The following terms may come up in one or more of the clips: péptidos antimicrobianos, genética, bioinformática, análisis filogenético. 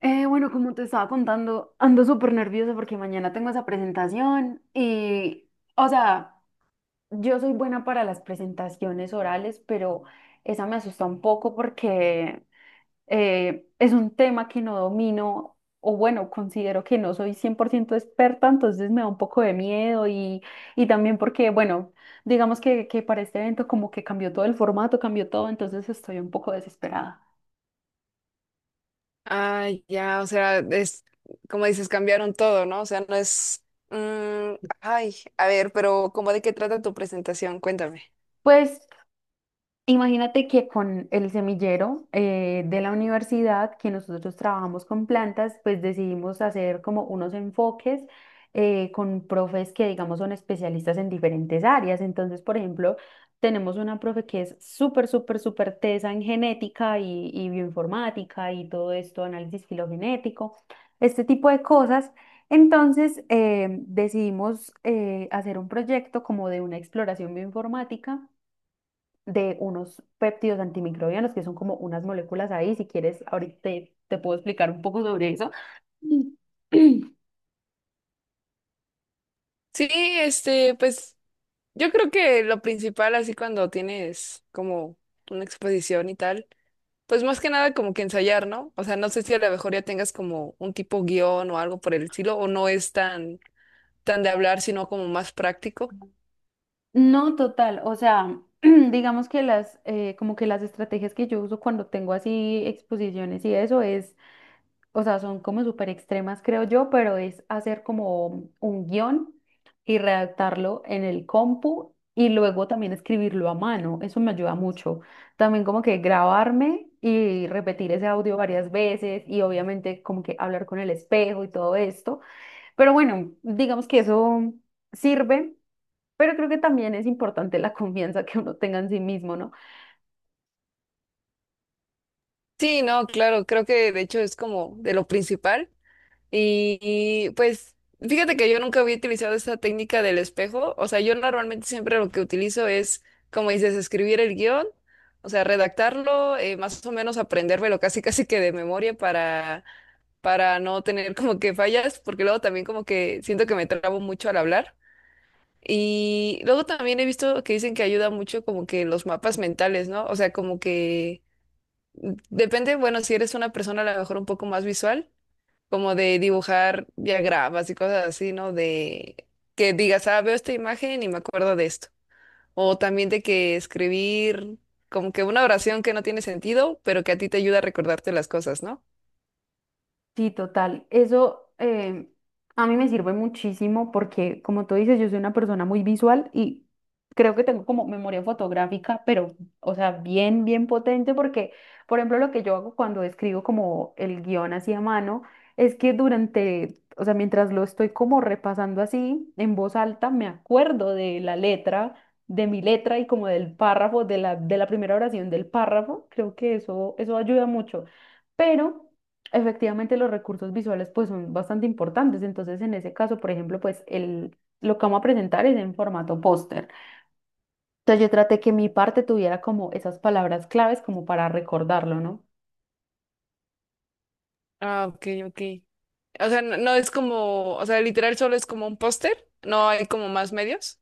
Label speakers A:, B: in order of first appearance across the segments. A: Bueno, como te estaba contando, ando súper nerviosa porque mañana tengo esa presentación y, o sea, yo soy buena para las presentaciones orales, pero esa me asusta un poco porque es un tema que no domino o bueno, considero que no soy 100% experta, entonces me da un poco de miedo y también porque, bueno, digamos que para este evento como que cambió todo el formato, cambió todo, entonces estoy un poco desesperada.
B: Ah, ya, o sea, es como dices, cambiaron todo, ¿no? O sea, no es... mm, ay, a ver, pero ¿cómo de qué trata tu presentación? Cuéntame.
A: Pues imagínate que con el semillero de la universidad, que nosotros trabajamos con plantas, pues decidimos hacer como unos enfoques con profes que, digamos, son especialistas en diferentes áreas. Entonces, por ejemplo, tenemos una profe que es súper, súper, súper tesa en genética y bioinformática y todo esto, análisis filogenético, este tipo de cosas. Entonces, decidimos hacer un proyecto como de una exploración bioinformática de unos péptidos antimicrobianos, que son como unas moléculas ahí. Si quieres, ahorita te puedo explicar un poco sobre eso.
B: Sí, pues yo creo que lo principal, así cuando tienes como una exposición y tal, pues más que nada como que ensayar, ¿no? O sea, no sé si a lo mejor ya tengas como un tipo guión o algo por el estilo, o no es tan, tan de hablar, sino como más práctico.
A: No, total, o sea, digamos que las, como que las estrategias que yo uso cuando tengo así exposiciones y eso es o sea, son como súper extremas, creo yo, pero es hacer como un guión y redactarlo en el compu y luego también escribirlo a mano. Eso me ayuda mucho. También como que grabarme y repetir ese audio varias veces y obviamente como que hablar con el espejo y todo esto. Pero bueno, digamos que eso sirve, pero creo que también es importante la confianza que uno tenga en sí mismo, ¿no?
B: Sí, no, claro, creo que de hecho es como de lo principal. Pues fíjate que yo nunca había utilizado esa técnica del espejo. O sea, yo normalmente siempre lo que utilizo es, como dices, escribir el guión, o sea, redactarlo, más o menos aprendérmelo casi casi que de memoria para no tener como que fallas, porque luego también como que siento que me trabo mucho al hablar. Y luego también he visto que dicen que ayuda mucho como que los mapas mentales, ¿no? O sea, como que depende, bueno, si eres una persona a lo mejor un poco más visual como de dibujar diagramas y cosas así, ¿no? De que digas, ah, veo esta imagen y me acuerdo de esto. O también de que escribir como que una oración que no tiene sentido, pero que a ti te ayuda a recordarte las cosas, ¿no?
A: Sí, total. Eso a mí me sirve muchísimo porque, como tú dices, yo soy una persona muy visual y creo que tengo como memoria fotográfica, pero, o sea, bien, bien potente porque, por ejemplo, lo que yo hago cuando escribo como el guión así a mano es que durante, o sea, mientras lo estoy como repasando así en voz alta, me acuerdo de la letra, de mi letra y como del párrafo, de la primera oración del párrafo. Creo que eso ayuda mucho. Pero efectivamente, los recursos visuales pues son bastante importantes. Entonces, en ese caso, por ejemplo, pues lo que vamos a presentar es en formato póster. Entonces, yo traté que mi parte tuviera como esas palabras claves como para recordarlo, ¿no?
B: Ah, ok, ok. O sea, no es como, o sea, literal solo es como un póster, no hay como más medios.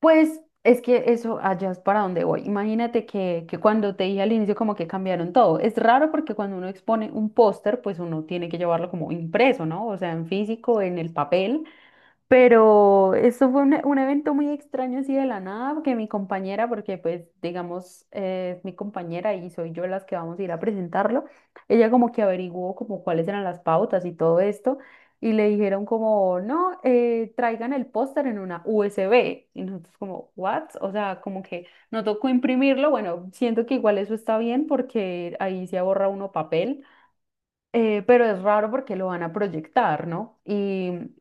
A: Pues es que eso allá es para donde voy. Imagínate que cuando te dije al inicio como que cambiaron todo. Es raro porque cuando uno expone un póster, pues uno tiene que llevarlo como impreso, ¿no? O sea, en físico, en el papel. Pero esto fue un evento muy extraño así de la nada, porque mi compañera, porque pues digamos, es mi compañera y soy yo las que vamos a ir a presentarlo, ella como que averiguó como cuáles eran las pautas y todo esto, y le dijeron como, no, traigan el póster en una USB. Y nosotros como, ¿what? O sea, como que no tocó imprimirlo, bueno, siento que igual eso está bien porque ahí se ahorra uno papel pero es raro porque lo van a proyectar, ¿no? Y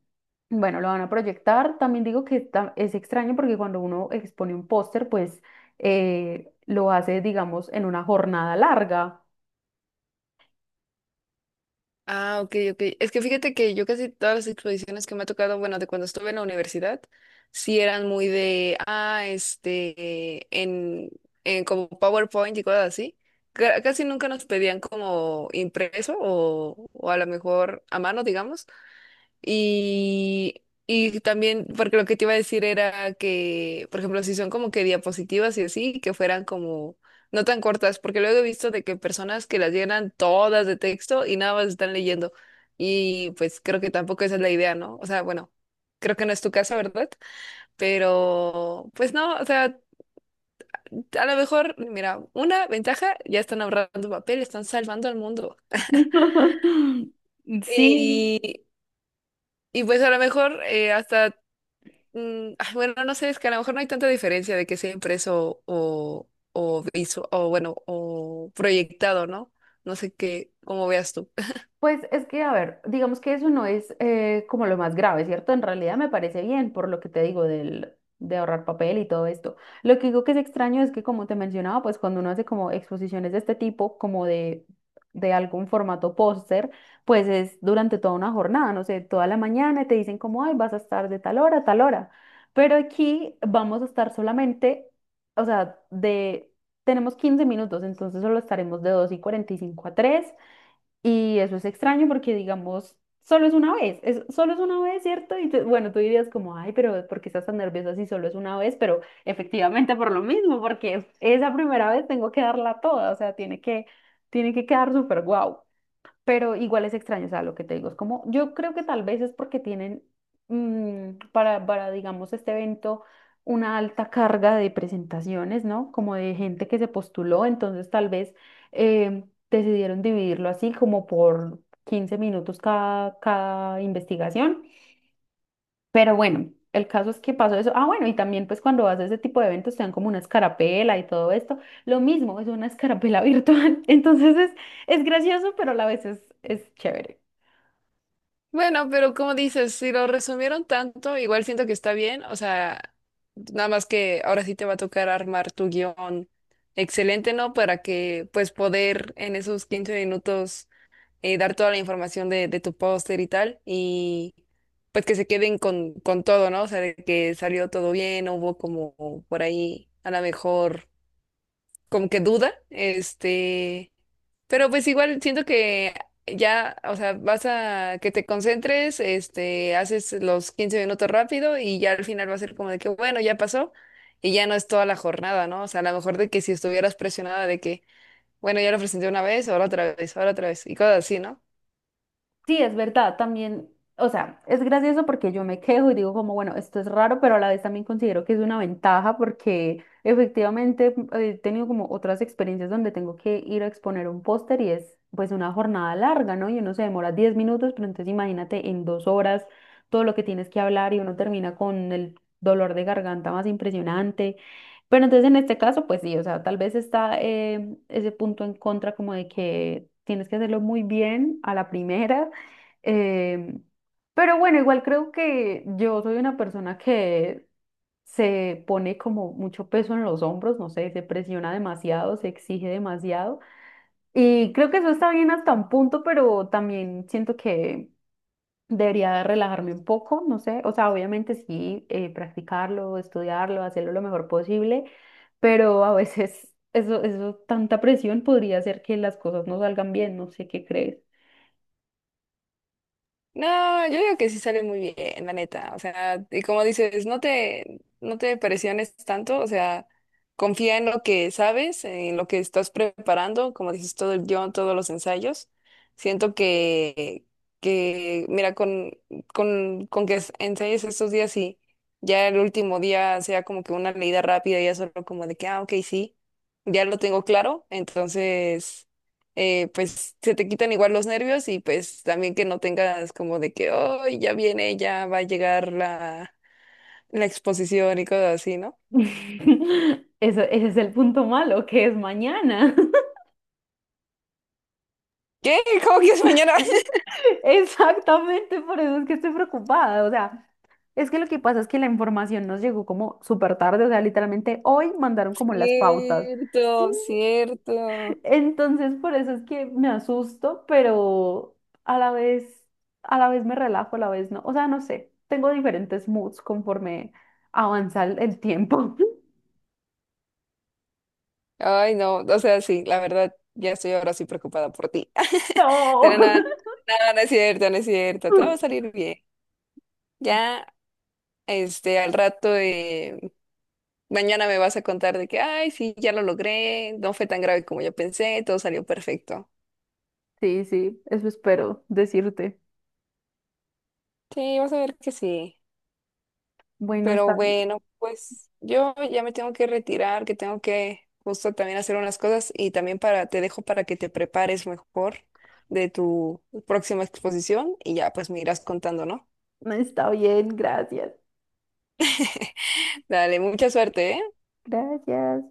A: bueno, lo van a proyectar. También digo que es extraño porque cuando uno expone un póster, pues lo hace, digamos, en una jornada larga.
B: Ah, ok, ok. Es que fíjate que yo casi todas las exposiciones que me ha tocado, bueno, de cuando estuve en la universidad, sí eran muy de, ah, en como PowerPoint y cosas así. Ca- Casi nunca nos pedían como impreso o a lo mejor a mano, digamos. Y también, porque lo que te iba a decir era que, por ejemplo, si son como que diapositivas y así, que fueran como no tan cortas, porque luego he visto de que personas que las llenan todas de texto y nada más están leyendo. Y pues creo que tampoco esa es la idea, ¿no? O sea, bueno, creo que no es tu caso, ¿verdad? Pero pues no, o sea, a lo mejor, mira, una ventaja, ya están ahorrando papel, están salvando al mundo.
A: Sí,
B: Y, y pues a lo mejor hasta ay, bueno, no sé, es que a lo mejor no hay tanta diferencia de que sea impreso o visu- o bueno, o proyectado, ¿no? No sé qué, cómo veas tú.
A: pues es que, a ver, digamos que eso no es como lo más grave, ¿cierto? En realidad me parece bien por lo que te digo del, de ahorrar papel y todo esto. Lo que digo que es extraño es que, como te mencionaba, pues cuando uno hace como exposiciones de este tipo, como de algún formato póster, pues es durante toda una jornada, no sé, toda la mañana y te dicen como, ay, vas a estar de tal hora a tal hora. Pero aquí vamos a estar solamente, o sea, tenemos 15 minutos, entonces solo estaremos de 2:45 a 3. Y eso es extraño porque, digamos, solo es una vez, solo es una vez, ¿cierto? Y bueno, tú dirías como, ay, pero ¿por qué estás tan nerviosa si solo es una vez? Pero efectivamente por lo mismo, porque esa primera vez tengo que darla toda, o sea, tiene que quedar súper guau, pero igual es extraño, o sea, lo que te digo es como, yo creo que tal vez es porque tienen para, digamos, este evento una alta carga de presentaciones, ¿no? Como de gente que se postuló, entonces tal vez eh, decidieron dividirlo así como por 15 minutos cada investigación, pero bueno. El caso es que pasó eso. Ah, bueno, y también pues cuando vas a ese tipo de eventos te dan como una escarapela y todo esto. Lo mismo, es una escarapela virtual. Entonces es gracioso, pero a la vez es chévere.
B: Bueno, pero como dices, si lo resumieron tanto, igual siento que está bien, o sea, nada más que ahora sí te va a tocar armar tu guión excelente, ¿no? Para que pues poder en esos 15 minutos dar toda la información de tu póster y tal, y pues que se queden con todo, ¿no? O sea, de que salió todo bien, no hubo como por ahí a lo mejor como que duda, este, pero pues igual siento que ya, o sea, vas a que te concentres, este, haces los 15 minutos rápido y ya al final va a ser como de que, bueno, ya pasó. Y ya no es toda la jornada, ¿no? O sea, a lo mejor de que si estuvieras presionada de que, bueno, ya lo presenté una vez, ahora otra vez, ahora otra vez, y cosas así, ¿no?
A: Sí, es verdad, también, o sea, es gracioso porque yo me quejo y digo como, bueno, esto es raro, pero a la vez también considero que es una ventaja porque efectivamente he tenido como otras experiencias donde tengo que ir a exponer un póster y es pues una jornada larga, ¿no? Y uno se demora 10 minutos, pero entonces imagínate en 2 horas todo lo que tienes que hablar y uno termina con el dolor de garganta más impresionante. Pero entonces en este caso, pues sí, o sea, tal vez está ese punto en contra como de que tienes que hacerlo muy bien a la primera, eh, pero bueno, igual creo que yo soy una persona que se pone como mucho peso en los hombros, no sé, se presiona demasiado, se exige demasiado. Y creo que eso está bien hasta un punto, pero también siento que debería relajarme un poco, no sé. O sea, obviamente sí, practicarlo, estudiarlo, hacerlo lo mejor posible, pero a veces tanta presión podría hacer que las cosas no salgan bien, no sé qué crees.
B: No, yo digo que sí sale muy bien, la neta. O sea, y como dices, no te presiones tanto, o sea, confía en lo que sabes, en lo que estás preparando, como dices, todo el guión, todos los ensayos. Siento que, que mira, con que es- ensayes estos días y ya el último día sea como que una leída rápida, ya solo como de que, ah, ok, sí, ya lo tengo claro, entonces pues se te quitan igual los nervios y pues también que no tengas como de que, oh, ya viene, ya va a llegar la exposición y cosas así, ¿no?
A: Eso, ese es el punto malo, que es mañana.
B: ¿Qué? ¿Cómo que es mañana?
A: Exactamente, por eso es que estoy preocupada. O sea, es que lo que pasa es que la información nos llegó como súper tarde, o sea, literalmente hoy mandaron como las pautas. Sí,
B: Cierto, cierto.
A: entonces, por eso es que me asusto, pero a la vez, a la vez me relajo, a la vez no. O sea, no sé, tengo diferentes moods conforme avanza el tiempo.
B: Ay, no, o sea, sí, la verdad, ya estoy ahora sí preocupada por ti. Pero nada,
A: No.
B: nada, no es cierto, no es cierto, todo va a salir bien. Ya, al rato, mañana me vas a contar de que, ay, sí, ya lo logré, no fue tan grave como yo pensé, todo salió perfecto.
A: Sí, sí, eso espero decirte.
B: Sí, vas a ver que sí.
A: Bueno,
B: Pero
A: está bien.
B: bueno, pues yo ya me tengo que retirar, que tengo que justo también hacer unas cosas y también para, te dejo para que te prepares mejor de tu próxima exposición y ya pues me irás contando, ¿no?
A: Está bien, gracias.
B: Dale, mucha suerte, ¿eh?
A: Gracias.